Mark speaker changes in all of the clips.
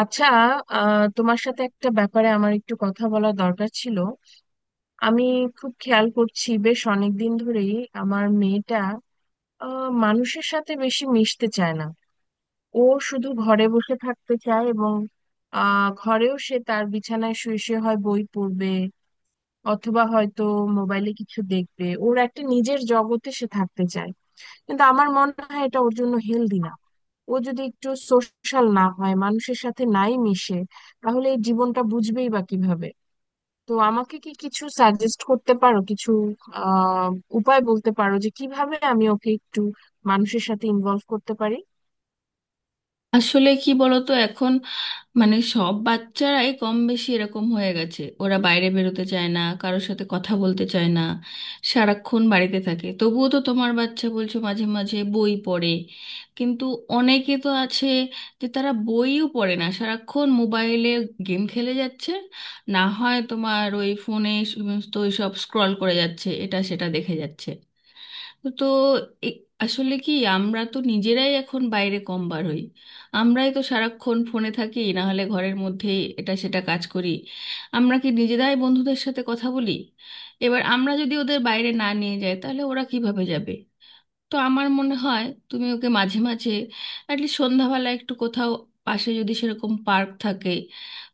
Speaker 1: আচ্ছা। তোমার সাথে একটা ব্যাপারে আমার একটু কথা বলা দরকার ছিল। আমি খুব খেয়াল করছি বেশ অনেকদিন ধরেই আমার মেয়েটা মানুষের সাথে বেশি মিশতে চায় না। ও শুধু ঘরে বসে থাকতে চায়, এবং ঘরেও সে তার বিছানায় শুয়ে শুয়ে হয় বই পড়বে, অথবা হয়তো মোবাইলে কিছু দেখবে। ওর একটা নিজের জগতে সে থাকতে চায়, কিন্তু আমার মনে হয় এটা ওর জন্য হেলদি না। ও যদি একটু সোশ্যাল না হয়, মানুষের সাথে নাই মিশে, তাহলে এই জীবনটা বুঝবেই বা কিভাবে? তো আমাকে কি কিছু সাজেস্ট করতে পারো? কিছু আহ উপায় বলতে পারো যে কিভাবে আমি ওকে একটু মানুষের সাথে ইনভলভ করতে পারি?
Speaker 2: আসলে কি বলতো এখন, মানে সব বাচ্চারাই কম বেশি এরকম হয়ে গেছে। ওরা বাইরে বেরোতে চায় না, কারোর সাথে কথা বলতে চায় না, সারাক্ষণ বাড়িতে থাকে। তবুও তো তোমার বাচ্চা বলছো মাঝে মাঝে বই পড়ে, কিন্তু অনেকে তো আছে যে তারা বইও পড়ে না, সারাক্ষণ মোবাইলে গেম খেলে যাচ্ছে, না হয় তোমার ওই ফোনে সমস্ত সব স্ক্রল করে যাচ্ছে, এটা সেটা দেখে যাচ্ছে। তো এ- আসলে কি, আমরা তো নিজেরাই এখন বাইরে কম বার হই। আমরাই তো সারাক্ষণ ফোনে থাকি, না হলে ঘরের মধ্যেই এটা সেটা কাজ করি। আমরা কি নিজেরাই বন্ধুদের সাথে কথা বলি? এবার আমরা যদি ওদের বাইরে না নিয়ে যাই তাহলে ওরা কিভাবে যাবে? তো আমার মনে হয় তুমি ওকে মাঝে মাঝে অ্যাটলিস্ট সন্ধ্যাবেলা একটু কোথাও, পাশে যদি সেরকম পার্ক থাকে,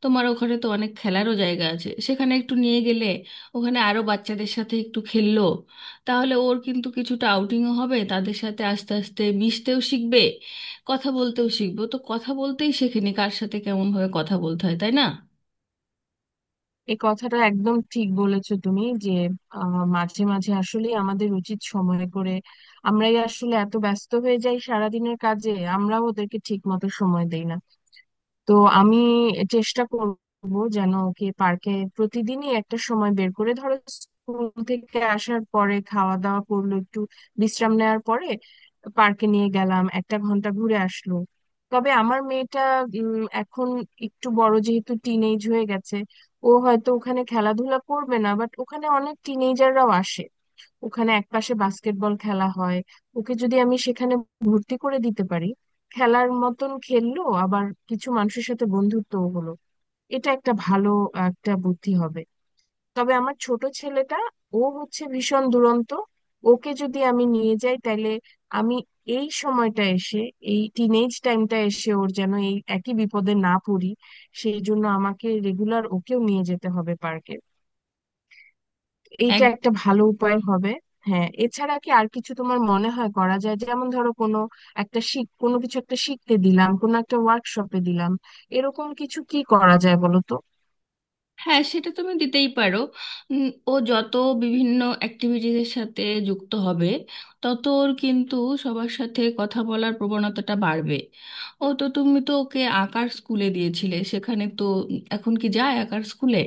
Speaker 2: তোমার ওখানে তো অনেক খেলারও জায়গা আছে, সেখানে একটু নিয়ে গেলে ওখানে আরো বাচ্চাদের সাথে একটু খেললো, তাহলে ওর কিন্তু কিছুটা আউটিংও হবে, তাদের সাথে আস্তে আস্তে মিশতেও শিখবে, কথা বলতেও শিখবে। ও তো কথা বলতেই শেখেনি কার সাথে কেমনভাবে কথা বলতে হয়, তাই না?
Speaker 1: এই কথাটা একদম ঠিক বলেছো তুমি যে মাঝে মাঝে আসলে আমাদের উচিত সময় করে। আমরাই আসলে এত ব্যস্ত হয়ে যাই সারাদিনের কাজে, আমরাও ওদেরকে ঠিক মতো সময় দেই না। তো আমি চেষ্টা করব যেন ওকে পার্কে প্রতিদিনই একটা সময় বের করে, ধরো স্কুল থেকে আসার পরে খাওয়া দাওয়া করলো, একটু বিশ্রাম নেওয়ার পরে পার্কে নিয়ে গেলাম, একটা ঘন্টা ঘুরে আসলো। তবে আমার মেয়েটা এখন একটু বড়, যেহেতু টিনেজ হয়ে গেছে, ও হয়তো ওখানে খেলাধুলা করবে না, বাট ওখানে অনেক টিনেজাররাও আসে। ওখানে একপাশে বাস্কেটবল খেলা হয়। ওকে যদি আমি সেখানে ভর্তি করে দিতে পারি, খেলার মতন খেললো, আবার কিছু মানুষের সাথে বন্ধুত্বও হলো, এটা একটা ভালো একটা বুদ্ধি হবে। তবে আমার ছোট ছেলেটা ও হচ্ছে ভীষণ দুরন্ত। ওকে যদি আমি নিয়ে যাই তাহলে আমি এই সময়টা এসে, এই টিনেজ টাইমটা এসে ওর যেন এই একই বিপদে না পড়ি, সেই জন্য আমাকে রেগুলার ওকেও নিয়ে যেতে হবে পার্কে। এইটা একটা ভালো উপায় হবে। হ্যাঁ, এছাড়া কি আর কিছু তোমার মনে হয় করা যায়? যেমন ধরো কোনো একটা শিখ, কোনো কিছু একটা শিখতে দিলাম, কোনো একটা ওয়ার্কশপে দিলাম, এরকম কিছু কি করা যায় বলো তো?
Speaker 2: হ্যাঁ, সেটা তুমি দিতেই পারো। ও যত বিভিন্ন অ্যাক্টিভিটিজের সাথে যুক্ত হবে, তত ওর কিন্তু সবার সাথে কথা বলার প্রবণতাটা বাড়বে। ও তো, তুমি তো ওকে আঁকার স্কুলে দিয়েছিলে, সেখানে তো, এখন কি যায় আঁকার স্কুলে?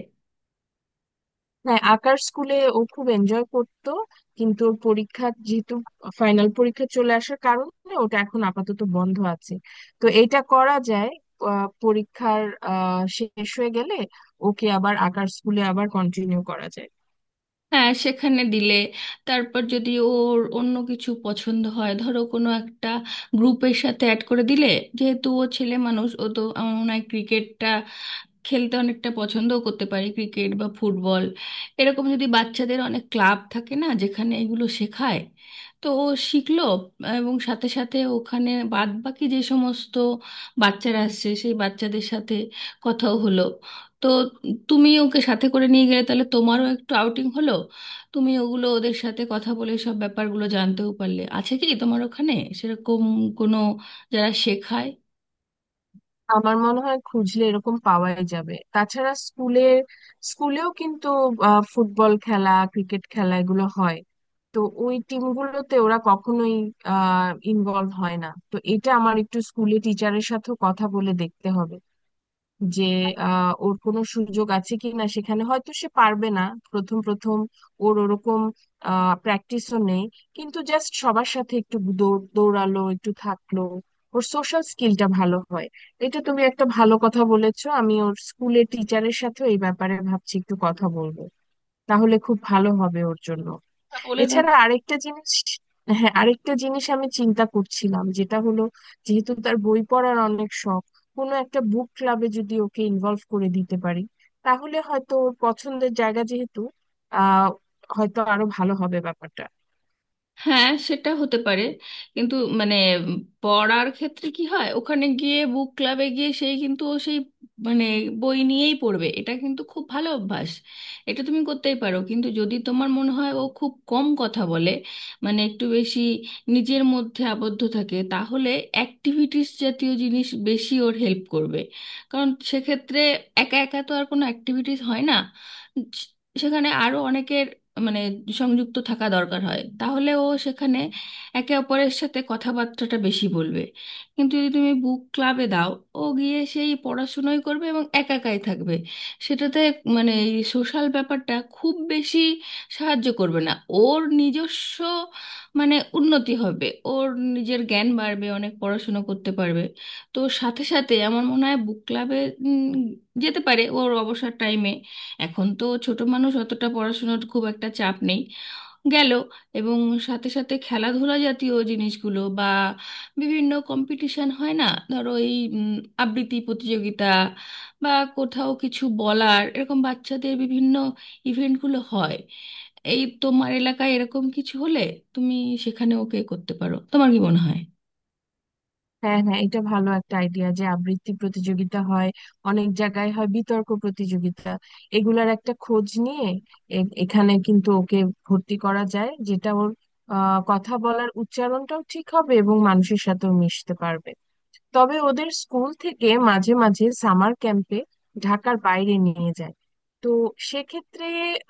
Speaker 1: হ্যাঁ, আঁকার স্কুলে ও খুব এনজয় করতো, কিন্তু ওর পরীক্ষা যেহেতু, ফাইনাল পরীক্ষা চলে আসার কারণে ওটা এখন আপাতত বন্ধ আছে। তো এটা করা যায়, পরীক্ষার শেষ হয়ে গেলে ওকে আবার আঁকার স্কুলে আবার কন্টিনিউ করা যায়।
Speaker 2: হ্যাঁ, সেখানে দিলে, তারপর যদি ওর অন্য কিছু পছন্দ হয় ধরো কোনো একটা গ্রুপের সাথে অ্যাড করে দিলে, যেহেতু ও ছেলে মানুষ, ও তো আমার মনে হয় ক্রিকেটটা খেলতে অনেকটা পছন্দও করতে পারে, ক্রিকেট বা ফুটবল। এরকম যদি বাচ্চাদের অনেক ক্লাব থাকে না, যেখানে এগুলো শেখায়, তো ও শিখলো, এবং সাথে সাথে ওখানে বাদ বাকি যে সমস্ত বাচ্চারা আসছে সেই বাচ্চাদের সাথে কথাও হলো। তো তুমি ওকে সাথে করে নিয়ে গেলে তাহলে তোমারও একটু আউটিং হলো, তুমি ওগুলো ওদের সাথে কথা বলে সব ব্যাপারগুলো জানতেও পারলে। আছে কি তোমার ওখানে সেরকম কোনো, যারা শেখায়?
Speaker 1: আমার মনে হয় খুঁজলে এরকম পাওয়াই যাবে। তাছাড়া স্কুলে, স্কুলেও কিন্তু ফুটবল খেলা, ক্রিকেট খেলা এগুলো হয়। তো ওই টিমগুলোতে ওরা কখনোই ইনভলভ হয় না। তো এটা আমার একটু স্কুলে টিচারের সাথেও কথা বলে দেখতে হবে যে ওর কোনো সুযোগ আছে কি না। সেখানে হয়তো সে পারবে না প্রথম প্রথম, ওর ওরকম প্র্যাকটিসও নেই, কিন্তু জাস্ট সবার সাথে একটু দৌড়ালো, একটু থাকলো, ওর সোশ্যাল স্কিলটা ভালো হয়। এটা তুমি একটা ভালো কথা বলেছো, আমি ওর স্কুলের টিচারের সাথেও এই ব্যাপারে ভাবছি একটু কথা বলবো। তাহলে খুব ভালো হবে ওর জন্য।
Speaker 2: তা বলে,
Speaker 1: এছাড়া আরেকটা জিনিস, হ্যাঁ আরেকটা জিনিস আমি চিন্তা করছিলাম যেটা হলো, যেহেতু তার বই পড়ার অনেক শখ, কোনো একটা বুক ক্লাবে যদি ওকে ইনভলভ করে দিতে পারি, তাহলে হয়তো ওর পছন্দের জায়গা যেহেতু, আহ হয়তো আরো ভালো হবে ব্যাপারটা।
Speaker 2: হ্যাঁ সেটা হতে পারে, কিন্তু মানে পড়ার ক্ষেত্রে কি হয়, ওখানে গিয়ে বুক ক্লাবে গিয়ে সেই কিন্তু ও সেই, মানে বই নিয়েই পড়বে। এটা কিন্তু খুব ভালো অভ্যাস, এটা তুমি করতেই পারো। কিন্তু যদি তোমার মনে হয় ও খুব কম কথা বলে, মানে একটু বেশি নিজের মধ্যে আবদ্ধ থাকে, তাহলে অ্যাক্টিভিটিস জাতীয় জিনিস বেশি ওর হেল্প করবে। কারণ সেক্ষেত্রে একা একা তো আর কোনো অ্যাক্টিভিটিস হয় না, সেখানে আরো অনেকের, মানে সংযুক্ত থাকা দরকার হয়। তাহলে ও সেখানে একে অপরের সাথে কথাবার্তাটা বেশি বলবে। কিন্তু যদি তুমি বুক ক্লাবে দাও, ও গিয়ে সেই পড়াশুনোই করবে এবং একা একাই থাকবে। সেটাতে মানে এই সোশ্যাল ব্যাপারটা খুব বেশি সাহায্য করবে না। ওর নিজস্ব, মানে উন্নতি হবে ওর, নিজের জ্ঞান বাড়বে, অনেক পড়াশুনো করতে পারবে। তো সাথে সাথে আমার মনে হয় বুক ক্লাবে যেতে পারে ওর অবসর টাইমে, এখন তো ছোট মানুষ, অতটা পড়াশোনার খুব একটা চাপ নেই। গেল, এবং সাথে সাথে খেলাধুলা জাতীয় জিনিসগুলো বা বিভিন্ন কম্পিটিশন হয় না, ধরো এই আবৃত্তি প্রতিযোগিতা, বা কোথাও কিছু বলার, এরকম বাচ্চাদের বিভিন্ন ইভেন্টগুলো হয়। এই তোমার এলাকায় এরকম কিছু হলে তুমি সেখানে ওকে করতে পারো, তোমার কি মনে হয়?
Speaker 1: হ্যাঁ হ্যাঁ, এটা ভালো একটা আইডিয়া যে আবৃত্তি প্রতিযোগিতা হয়, অনেক জায়গায় হয় বিতর্ক প্রতিযোগিতা, এগুলার একটা খোঁজ নিয়ে এখানে কিন্তু ওকে ভর্তি করা যায়, যেটা ওর কথা বলার উচ্চারণটাও ঠিক হবে এবং মানুষের সাথেও মিশতে পারবে। তবে ওদের স্কুল থেকে মাঝে মাঝে সামার ক্যাম্পে ঢাকার বাইরে নিয়ে যায়। তো সেক্ষেত্রে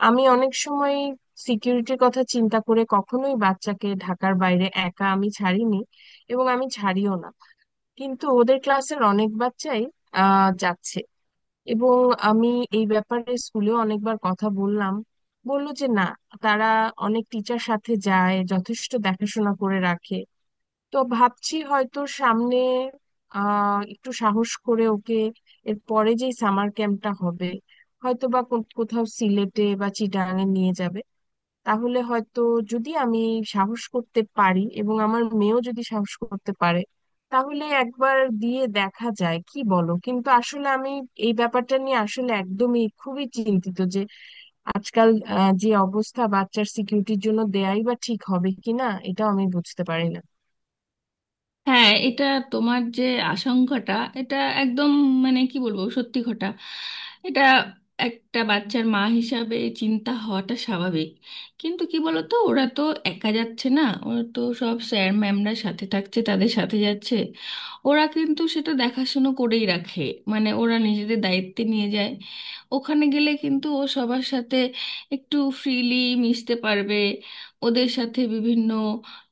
Speaker 1: আমি অনেক সময় সিকিউরিটির কথা চিন্তা করে কখনোই বাচ্চাকে ঢাকার বাইরে একা আমি ছাড়িনি, এবং আমি ছাড়িও না। কিন্তু ওদের ক্লাসের অনেক বাচ্চাই যাচ্ছে, এবং আমি এই ব্যাপারে স্কুলেও অনেকবার কথা বললাম, বললো যে না, তারা অনেক টিচার সাথে যায়, যথেষ্ট দেখাশোনা করে রাখে। তো ভাবছি হয়তো সামনে একটু সাহস করে ওকে, এর পরে যেই সামার ক্যাম্পটা হবে, হয়তো বা কোথাও সিলেটে বা চিটাগাঙে নিয়ে যাবে, তাহলে হয়তো যদি আমি সাহস করতে পারি এবং আমার মেয়েও যদি সাহস করতে পারে, তাহলে একবার দিয়ে দেখা যায়, কি বলো? কিন্তু আসলে আমি এই ব্যাপারটা নিয়ে আসলে একদমই খুবই চিন্তিত যে আজকাল যে অবস্থা, বাচ্চার সিকিউরিটির জন্য দেয়াই বা ঠিক হবে কিনা এটাও আমি বুঝতে পারি না।
Speaker 2: হ্যাঁ, এটা, তোমার যে আশঙ্কাটা, এটা একদম, মানে কি বলবো, সত্যি ঘটা, এটা একটা বাচ্চার মা হিসাবে চিন্তা হওয়াটা স্বাভাবিক। কিন্তু কি বলতো, ওরা তো একা যাচ্ছে না, ওরা তো সব স্যার ম্যামরা সাথে থাকছে, তাদের সাথে যাচ্ছে। ওরা কিন্তু সেটা দেখাশুনো করেই রাখে, মানে ওরা নিজেদের দায়িত্বে নিয়ে যায়। ওখানে গেলে কিন্তু ও সবার সাথে একটু ফ্রিলি মিশতে পারবে, ওদের সাথে বিভিন্ন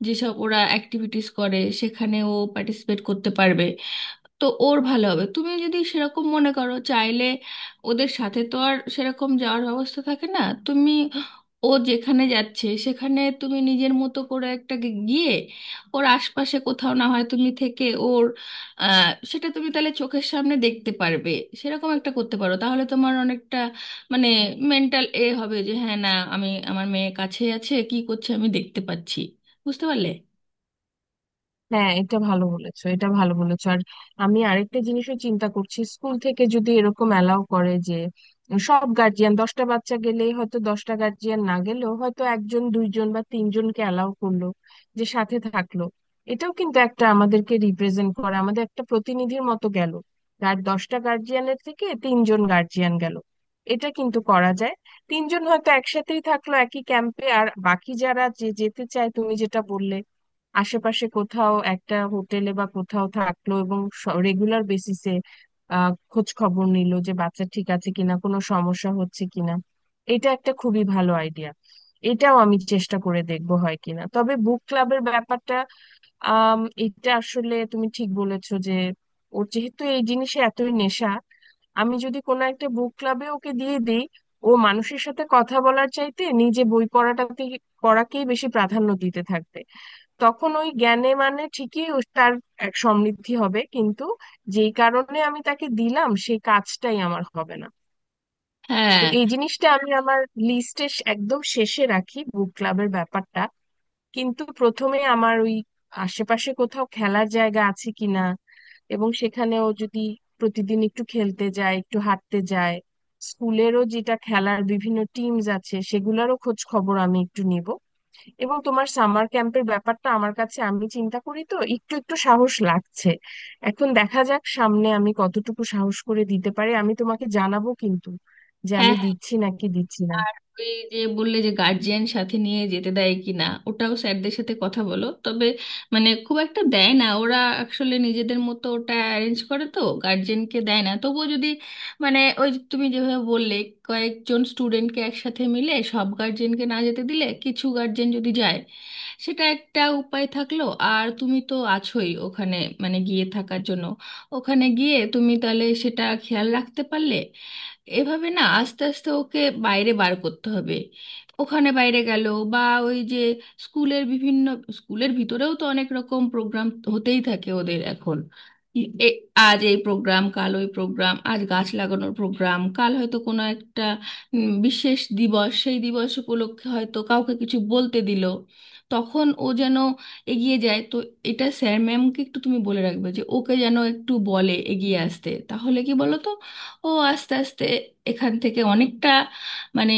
Speaker 2: যেসব ওরা অ্যাক্টিভিটিস করে সেখানে ও পার্টিসিপেট করতে পারবে। তো ওর ভালো হবে তুমি যদি সেরকম মনে করো। চাইলে ওদের সাথে তো আর সেরকম যাওয়ার ব্যবস্থা থাকে না, তুমি ও যেখানে যাচ্ছে সেখানে তুমি নিজের মতো করে একটা গিয়ে ওর আশপাশে কোথাও না হয় তুমি থেকে, ওর সেটা তুমি তাহলে চোখের সামনে দেখতে পারবে। সেরকম একটা করতে পারো, তাহলে তোমার অনেকটা মানে মেন্টাল এ হবে যে হ্যাঁ, না, আমি, আমার মেয়ে কাছে আছে, কি করছে আমি দেখতে পাচ্ছি, বুঝতে পারলে?
Speaker 1: হ্যাঁ এটা ভালো বলেছো, এটা ভালো বলেছো। আর আমি আরেকটা জিনিসও চিন্তা করছি, স্কুল থেকে যদি এরকম অ্যালাউ করে যে সব গার্জিয়ান দশটা বাচ্চা গেলেই হয়তো দশটা গার্জিয়ান না গেলেও হয়তো একজন দুইজন বা তিনজনকে অ্যালাউ করলো যে সাথে থাকলো, এটাও কিন্তু একটা আমাদেরকে রিপ্রেজেন্ট করে, আমাদের একটা প্রতিনিধির মতো গেল। দশটা গার্জিয়ানের থেকে তিনজন গার্জিয়ান গেল, এটা কিন্তু করা যায়। তিনজন হয়তো একসাথেই থাকলো একই ক্যাম্পে, আর বাকি যারা যে যেতে চায় তুমি যেটা বললে আশেপাশে কোথাও একটা হোটেলে বা কোথাও থাকলো, এবং রেগুলার বেসিসে খোঁজ খবর নিল যে বাচ্চা ঠিক আছে কিনা, কোনো সমস্যা হচ্ছে কিনা। এটা একটা খুবই ভালো আইডিয়া, এটাও আমি চেষ্টা করে দেখবো হয় কিনা। তবে বুক ক্লাবের ব্যাপারটা, আম, এটা আসলে তুমি ঠিক বলেছো যে ওর যেহেতু এই জিনিসে এতই নেশা, আমি যদি কোনো একটা বুক ক্লাবে ওকে দিয়ে দিই, ও মানুষের সাথে কথা বলার চাইতে নিজে বই পড়াটাতে, পড়াকেই বেশি প্রাধান্য দিতে থাকবে। তখন ওই জ্ঞানে মানে ঠিকই তার এক সমৃদ্ধি হবে, কিন্তু যেই কারণে আমি তাকে দিলাম সেই কাজটাই আমার হবে না। তো
Speaker 2: হ্যাঁ,
Speaker 1: এই জিনিসটা আমি আমার লিস্টে একদম শেষে রাখি, বুক ক্লাবের ব্যাপারটা। কিন্তু প্রথমে আমার ওই আশেপাশে কোথাও খেলার জায়গা আছে কিনা, এবং সেখানেও যদি প্রতিদিন একটু খেলতে যায়, একটু হাঁটতে যায়। স্কুলেরও যেটা খেলার বিভিন্ন টিমস আছে সেগুলোরও খোঁজ খবর আমি একটু নিব। এবং তোমার সামার ক্যাম্পের ব্যাপারটা আমার কাছে, আমি চিন্তা করি তো একটু একটু সাহস লাগছে। এখন দেখা যাক সামনে আমি কতটুকু সাহস করে দিতে পারি, আমি তোমাকে জানাবো কিন্তু যে আমি
Speaker 2: হ্যাঁ,
Speaker 1: দিচ্ছি নাকি দিচ্ছি না।
Speaker 2: আর ওই যে বললে যে গার্জিয়ান সাথে নিয়ে যেতে দেয় কি না, ওটাও স্যারদের সাথে কথা বলো। তবে মানে খুব একটা দেয় না, ওরা আসলে নিজেদের মতো ওটা অ্যারেঞ্জ করে, তো গার্জিয়ানকে দেয় না। তবুও যদি, মানে ওই যে তুমি যেভাবে বললে, কয়েকজন স্টুডেন্টকে একসাথে মিলে সব গার্জিয়ানকে না যেতে দিলে কিছু গার্জিয়ান যদি যায়, সেটা একটা উপায় থাকলো। আর তুমি তো আছোই ওখানে, মানে গিয়ে থাকার জন্য, ওখানে গিয়ে তুমি তাহলে সেটা খেয়াল রাখতে পারলে। এভাবে না, আস্তে আস্তে ওকে বাইরে বার করতে হবে। ওখানে বাইরে গেল, বা ওই যে স্কুলের বিভিন্ন, স্কুলের ভিতরেও তো অনেক রকম প্রোগ্রাম হতেই থাকে ওদের এখন। এ- আজ এই প্রোগ্রাম, কাল ওই প্রোগ্রাম, আজ গাছ লাগানোর প্রোগ্রাম, কাল হয়তো কোনো একটা বিশেষ দিবস, সেই দিবস উপলক্ষে হয়তো কাউকে কিছু বলতে দিল, তখন ও যেন এগিয়ে যায়। তো এটা স্যার ম্যামকে একটু তুমি বলে রাখবে যে ওকে যেন একটু বলে এগিয়ে আসতে, তাহলে কি বলো তো, ও আস্তে আস্তে এখান থেকে অনেকটা, মানে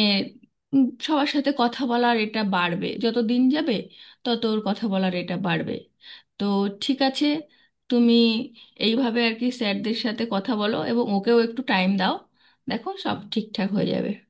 Speaker 2: সবার সাথে কথা বলার এটা বাড়বে। যত দিন যাবে তত ওর কথা বলার এটা বাড়বে। তো ঠিক আছে, তুমি এইভাবে আর কি স্যারদের সাথে কথা বলো এবং ওকেও একটু টাইম দাও, দেখো সব ঠিকঠাক হয়ে যাবে।